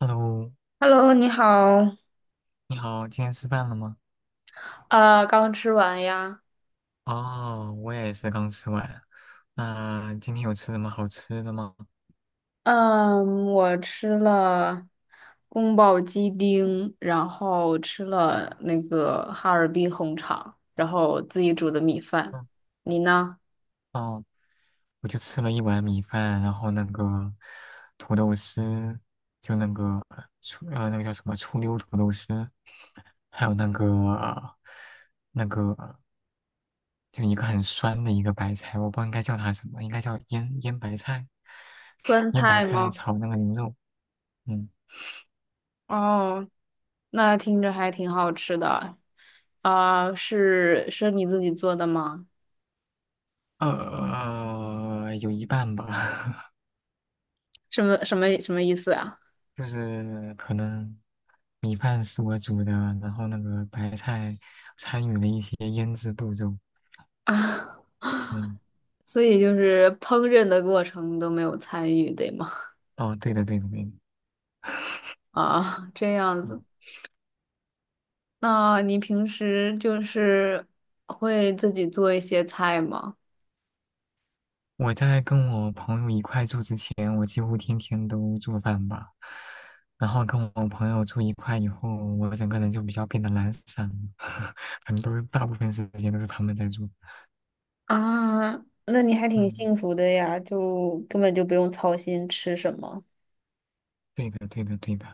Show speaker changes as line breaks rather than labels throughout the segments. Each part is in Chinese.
Hello，
Hello，你好。
你好，今天吃饭了吗？
刚吃完呀。
哦，我也是刚吃完。那今天有吃什么好吃的吗？
嗯，我吃了宫保鸡丁，然后吃了那个哈尔滨红肠，然后自己煮的米饭。
嗯，
你呢？
哦，我就吃了一碗米饭，然后那个土豆丝，就那个醋那个叫什么醋溜土豆丝，还有那个那个就一个很酸的一个白菜，我不知道应该叫它什么，应该叫腌白菜，
酸
腌白
菜
菜
吗？
炒那个牛肉。嗯，
哦，那听着还挺好吃的。啊、是你自己做的吗？
有一半吧。
什么意思啊？
就是可能米饭是我煮的，然后那个白菜参与了一些腌制步骤。
啊，
嗯，
所以就是烹饪的过程都没有参与，对吗？
哦，对的，对的，对的。
啊，这样
嗯，
子。那你平时就是会自己做一些菜吗？
我在跟我朋友一块住之前，我几乎天天都做饭吧。然后跟我朋友住一块以后，我整个人就比较变得懒散了，很多大部分时间都是他们在做。
啊，那你还挺
嗯，
幸福的呀，就根本就不用操心吃什么。
对的，对的，对的。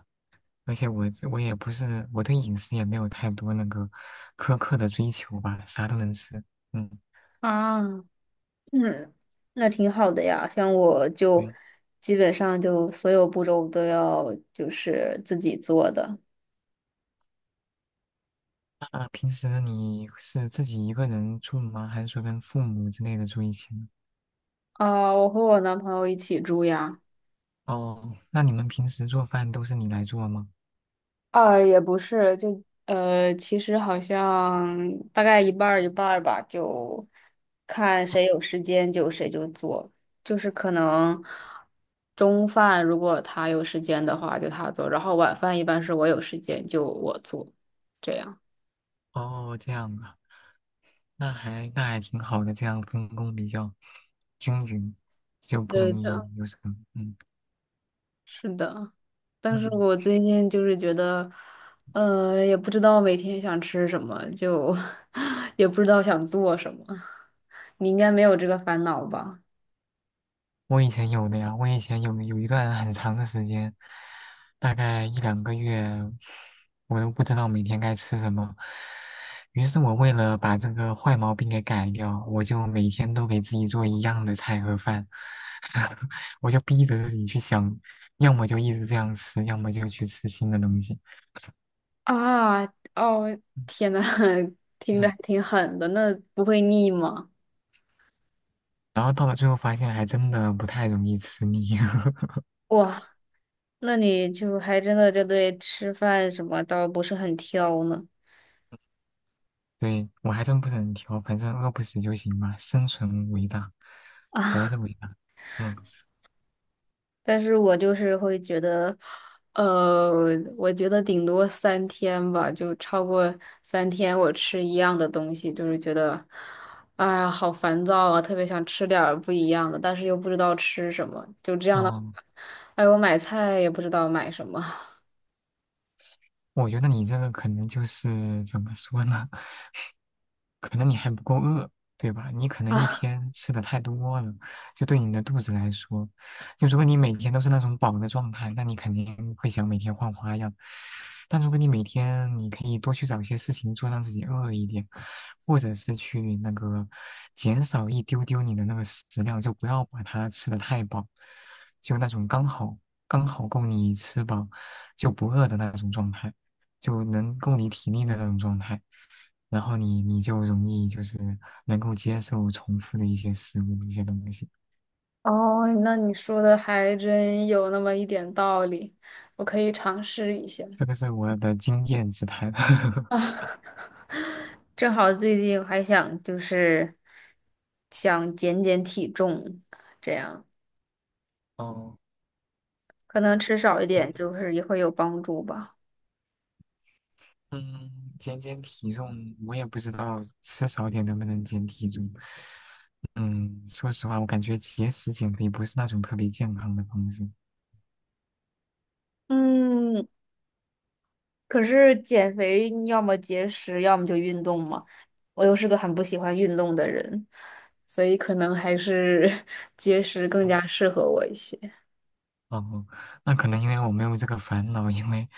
而且我对饮食也没有太多那个苛刻的追求吧，啥都能吃。嗯，
啊，嗯，那挺好的呀。像我就
对。
基本上就所有步骤都要就是自己做的。
那平时你是自己一个人住吗？还是说跟父母之类的住一起呢？
啊，我和我男朋友一起住呀。
哦，那你们平时做饭都是你来做吗？
啊，也不是，就其实好像大概一半儿一半儿吧，就看谁有时间就谁就做，就是可能中饭如果他有时间的话就他做，然后晚饭一般是我有时间就我做，这样。
哦，这样啊，那还挺好的，这样分工比较均匀，就不
对
容易
的，
有什么。嗯
是的，但是
嗯。
我最近就是觉得，也不知道每天想吃什么，就 也不知道想做什么。你应该没有这个烦恼吧？
我以前有的呀，我以前有一段很长的时间，大概一两个月，我都不知道每天该吃什么。于是我为了把这个坏毛病给改掉，我就每天都给自己做一样的菜和饭，我就逼着自己去想，要么就一直这样吃，要么就去吃新的东西。
啊，哦，天呐，听着还
嗯
挺狠的，那不会腻吗？
然后到了最后发现，还真的不太容易吃腻。
哇，那你就还真的就对吃饭什么倒不是很挑呢
对，我还真不是很挑，反正饿不死就行嘛，生存伟大，活着
啊，
伟大。嗯，
但是我就是会觉得，呃，我觉得顶多三天吧，就超过三天我吃一样的东西，就是觉得，哎呀，好烦躁啊，特别想吃点儿不一样的，但是又不知道吃什么，就这样的，
哦，
哎，我买菜也不知道买什么。
我觉得你这个可能就是怎么说呢？可能你还不够饿，对吧？你可 能一
啊。
天吃的太多了，就对你的肚子来说，就如果你每天都是那种饱的状态，那你肯定会想每天换花样。但如果你每天你可以多去找一些事情做，让自己饿一点，或者是去那个减少一丢丢你的那个食量，就不要把它吃的太饱，就那种刚好够你吃饱就不饿的那种状态。就能够你体力的那种状态，然后你就容易就是能够接受重复的一些食物、一些东西。
哦，那你说的还真有那么一点道理，我可以尝试一下
这个是我的经验之谈。
啊。正好最近还想就是想减减体重，这样
哦，
可能吃少一
减
点就是也会有帮助吧。
嗯，减减体重，我也不知道吃少点能不能减体重。嗯，说实话，我感觉节食减肥不是那种特别健康的方式。
嗯，可是减肥你要么节食，要么就运动嘛。我又是个很不喜欢运动的人，所以可能还是 节食更
嗯
加适合我一些。
哦，那可能因为我没有这个烦恼，因为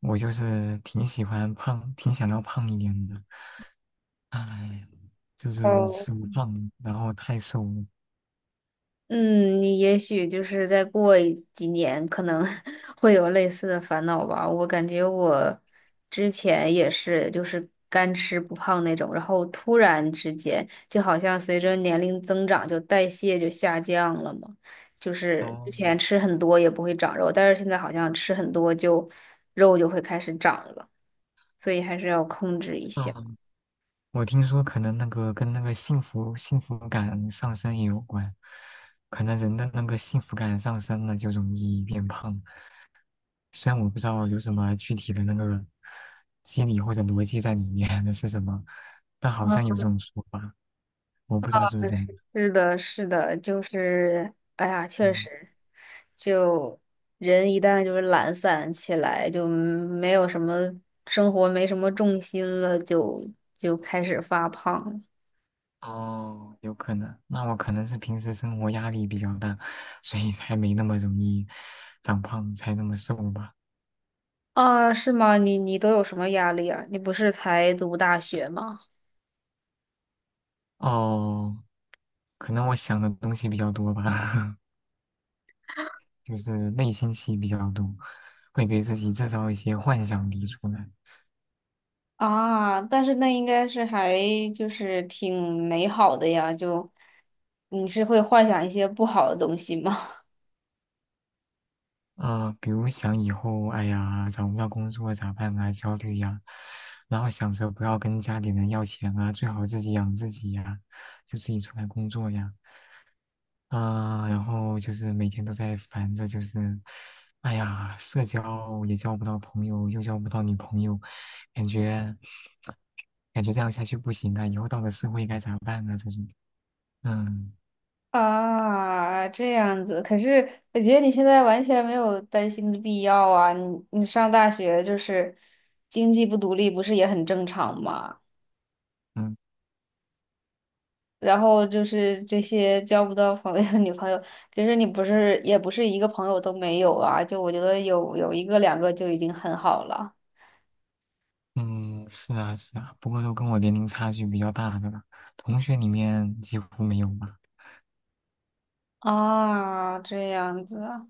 我就是挺喜欢胖，挺想要胖一点的。哎，就是
哦
吃不胖，然后太瘦。了。
嗯，你也许就是再过一几年，可能 会有类似的烦恼吧。我感觉我之前也是，就是干吃不胖那种，然后突然之间，就好像随着年龄增长，就代谢就下降了嘛。就是之
哦，
前吃很多也不会长肉，但是现在好像吃很多就肉就会开始长了，所以还是要控制一下。
嗯，我听说可能那个跟那个幸福感上升也有关，可能人的那个幸福感上升了就容易变胖。虽然我不知道有什么具体的那个机理或者逻辑在里面 那是什么，但好像有这种说法，我不知道是 不是
嗯
真的。
是的，是的，就是，哎呀，确
嗯。
实，就人一旦就是懒散起来，就没有什么生活，没什么重心了，就开始发胖了
哦，有可能。那我可能是平时生活压力比较大，所以才没那么容易长胖，才那么瘦吧。
啊？是吗？你你都有什么压力啊？你不是才读大学吗？
哦，可能我想的东西比较多吧，就是内心戏比较多，会给自己制造一些幻想题出来。
啊，但是那应该是还就是挺美好的呀，就你是会幻想一些不好的东西吗？
比如想以后，哎呀，找不到工作咋办啊，焦虑呀、然后想着不要跟家里人要钱啊，最好自己养自己呀、就自己出来工作呀。啊、然后就是每天都在烦着，就是，哎呀，社交也交不到朋友，又交不到女朋友，感觉感觉这样下去不行啊！以后到了社会该咋办啊？这种，嗯
啊，这样子。可是我觉得你现在完全没有担心的必要啊。你你上大学就是经济不独立，不是也很正常吗？
嗯
然后就是这些交不到朋友、女朋友，其实你不是也不是一个朋友都没有啊。就我觉得有一个两个就已经很好了
嗯，是啊是啊，不过都跟我年龄差距比较大的了，同学里面几乎没有吧。
啊。这样子啊，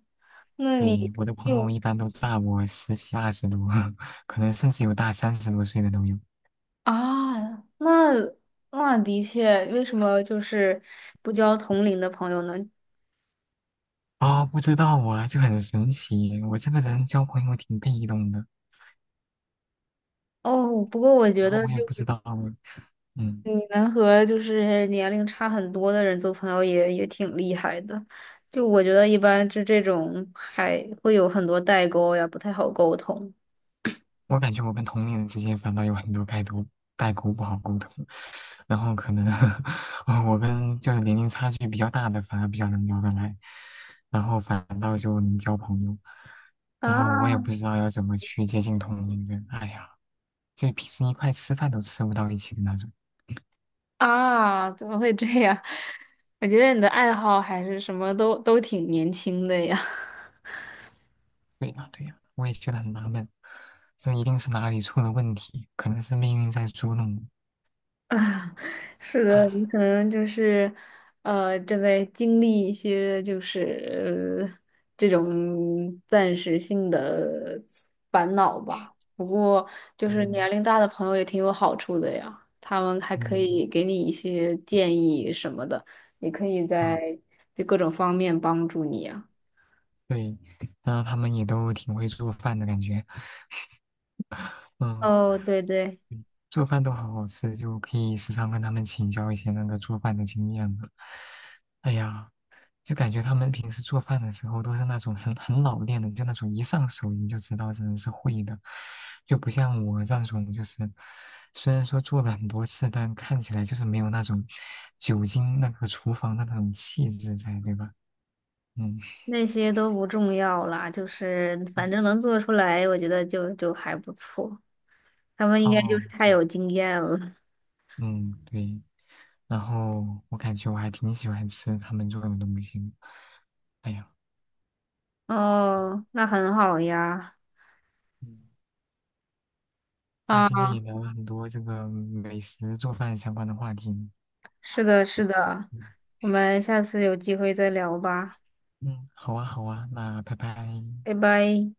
那你
对，我的朋友
就
一般都大我十几二十多，可能甚至有大三十多岁的都有。
啊，那那的确，为什么就是不交同龄的朋友呢？
啊、不知道啊，就很神奇。我这个人交朋友挺被动的，
哦，不过我觉
然后
得
我也
就
不知
是
道我，嗯，
你能和就是年龄差很多的人做朋友也也挺厉害的。就我觉得一般就这种还会有很多代沟呀，不太好沟通。
我感觉我跟同龄人之间反倒有很多代沟，代沟不好沟通。然后可能 我跟就是年龄差距比较大的反而比较能聊得来，然后反倒就能交朋友。然后我也不
啊
知道要怎么去接近同龄人，哎呀，就平时一块吃饭都吃不到一起的那种。
啊，怎么会这样？我觉得你的爱好还是什么都都挺年轻的呀。
对呀，对呀，我也觉得很纳闷，这一定是哪里出了问题，可能是命运在捉弄我。
啊，是的，你 可能就是，正在经历一些就是这种暂时性的烦恼吧。不过，就是
嗯
年龄大的朋友也挺有好处的呀，他们还可
嗯
以给你一些建议什么的，也可以
啊，
在就各种方面帮助你呀。
对，然后他们也都挺会做饭的感觉，嗯，
哦，对对，
做饭都好好吃，就可以时常跟他们请教一些那个做饭的经验了。哎呀。就感觉他们平时做饭的时候都是那种很老练的，就那种一上手你就知道这人是会的，就不像我这种就是，虽然说做了很多次，但看起来就是没有那种酒精那个厨房的那种气质在，对吧？嗯，
那些都不重要啦，就是
嗯
反正能做出来，我觉得就就还不错。他们应该就
哦，
是太有经验了。
嗯，对。然后我感觉我还挺喜欢吃他们做的东西。哎呀，
哦，那很好呀。
嗯，那今
啊，
天也聊了很多这个美食做饭相关的话题。
是的，是的，
嗯，
我们下次有机会再聊吧，
嗯好啊，好啊，那拜拜。
拜拜。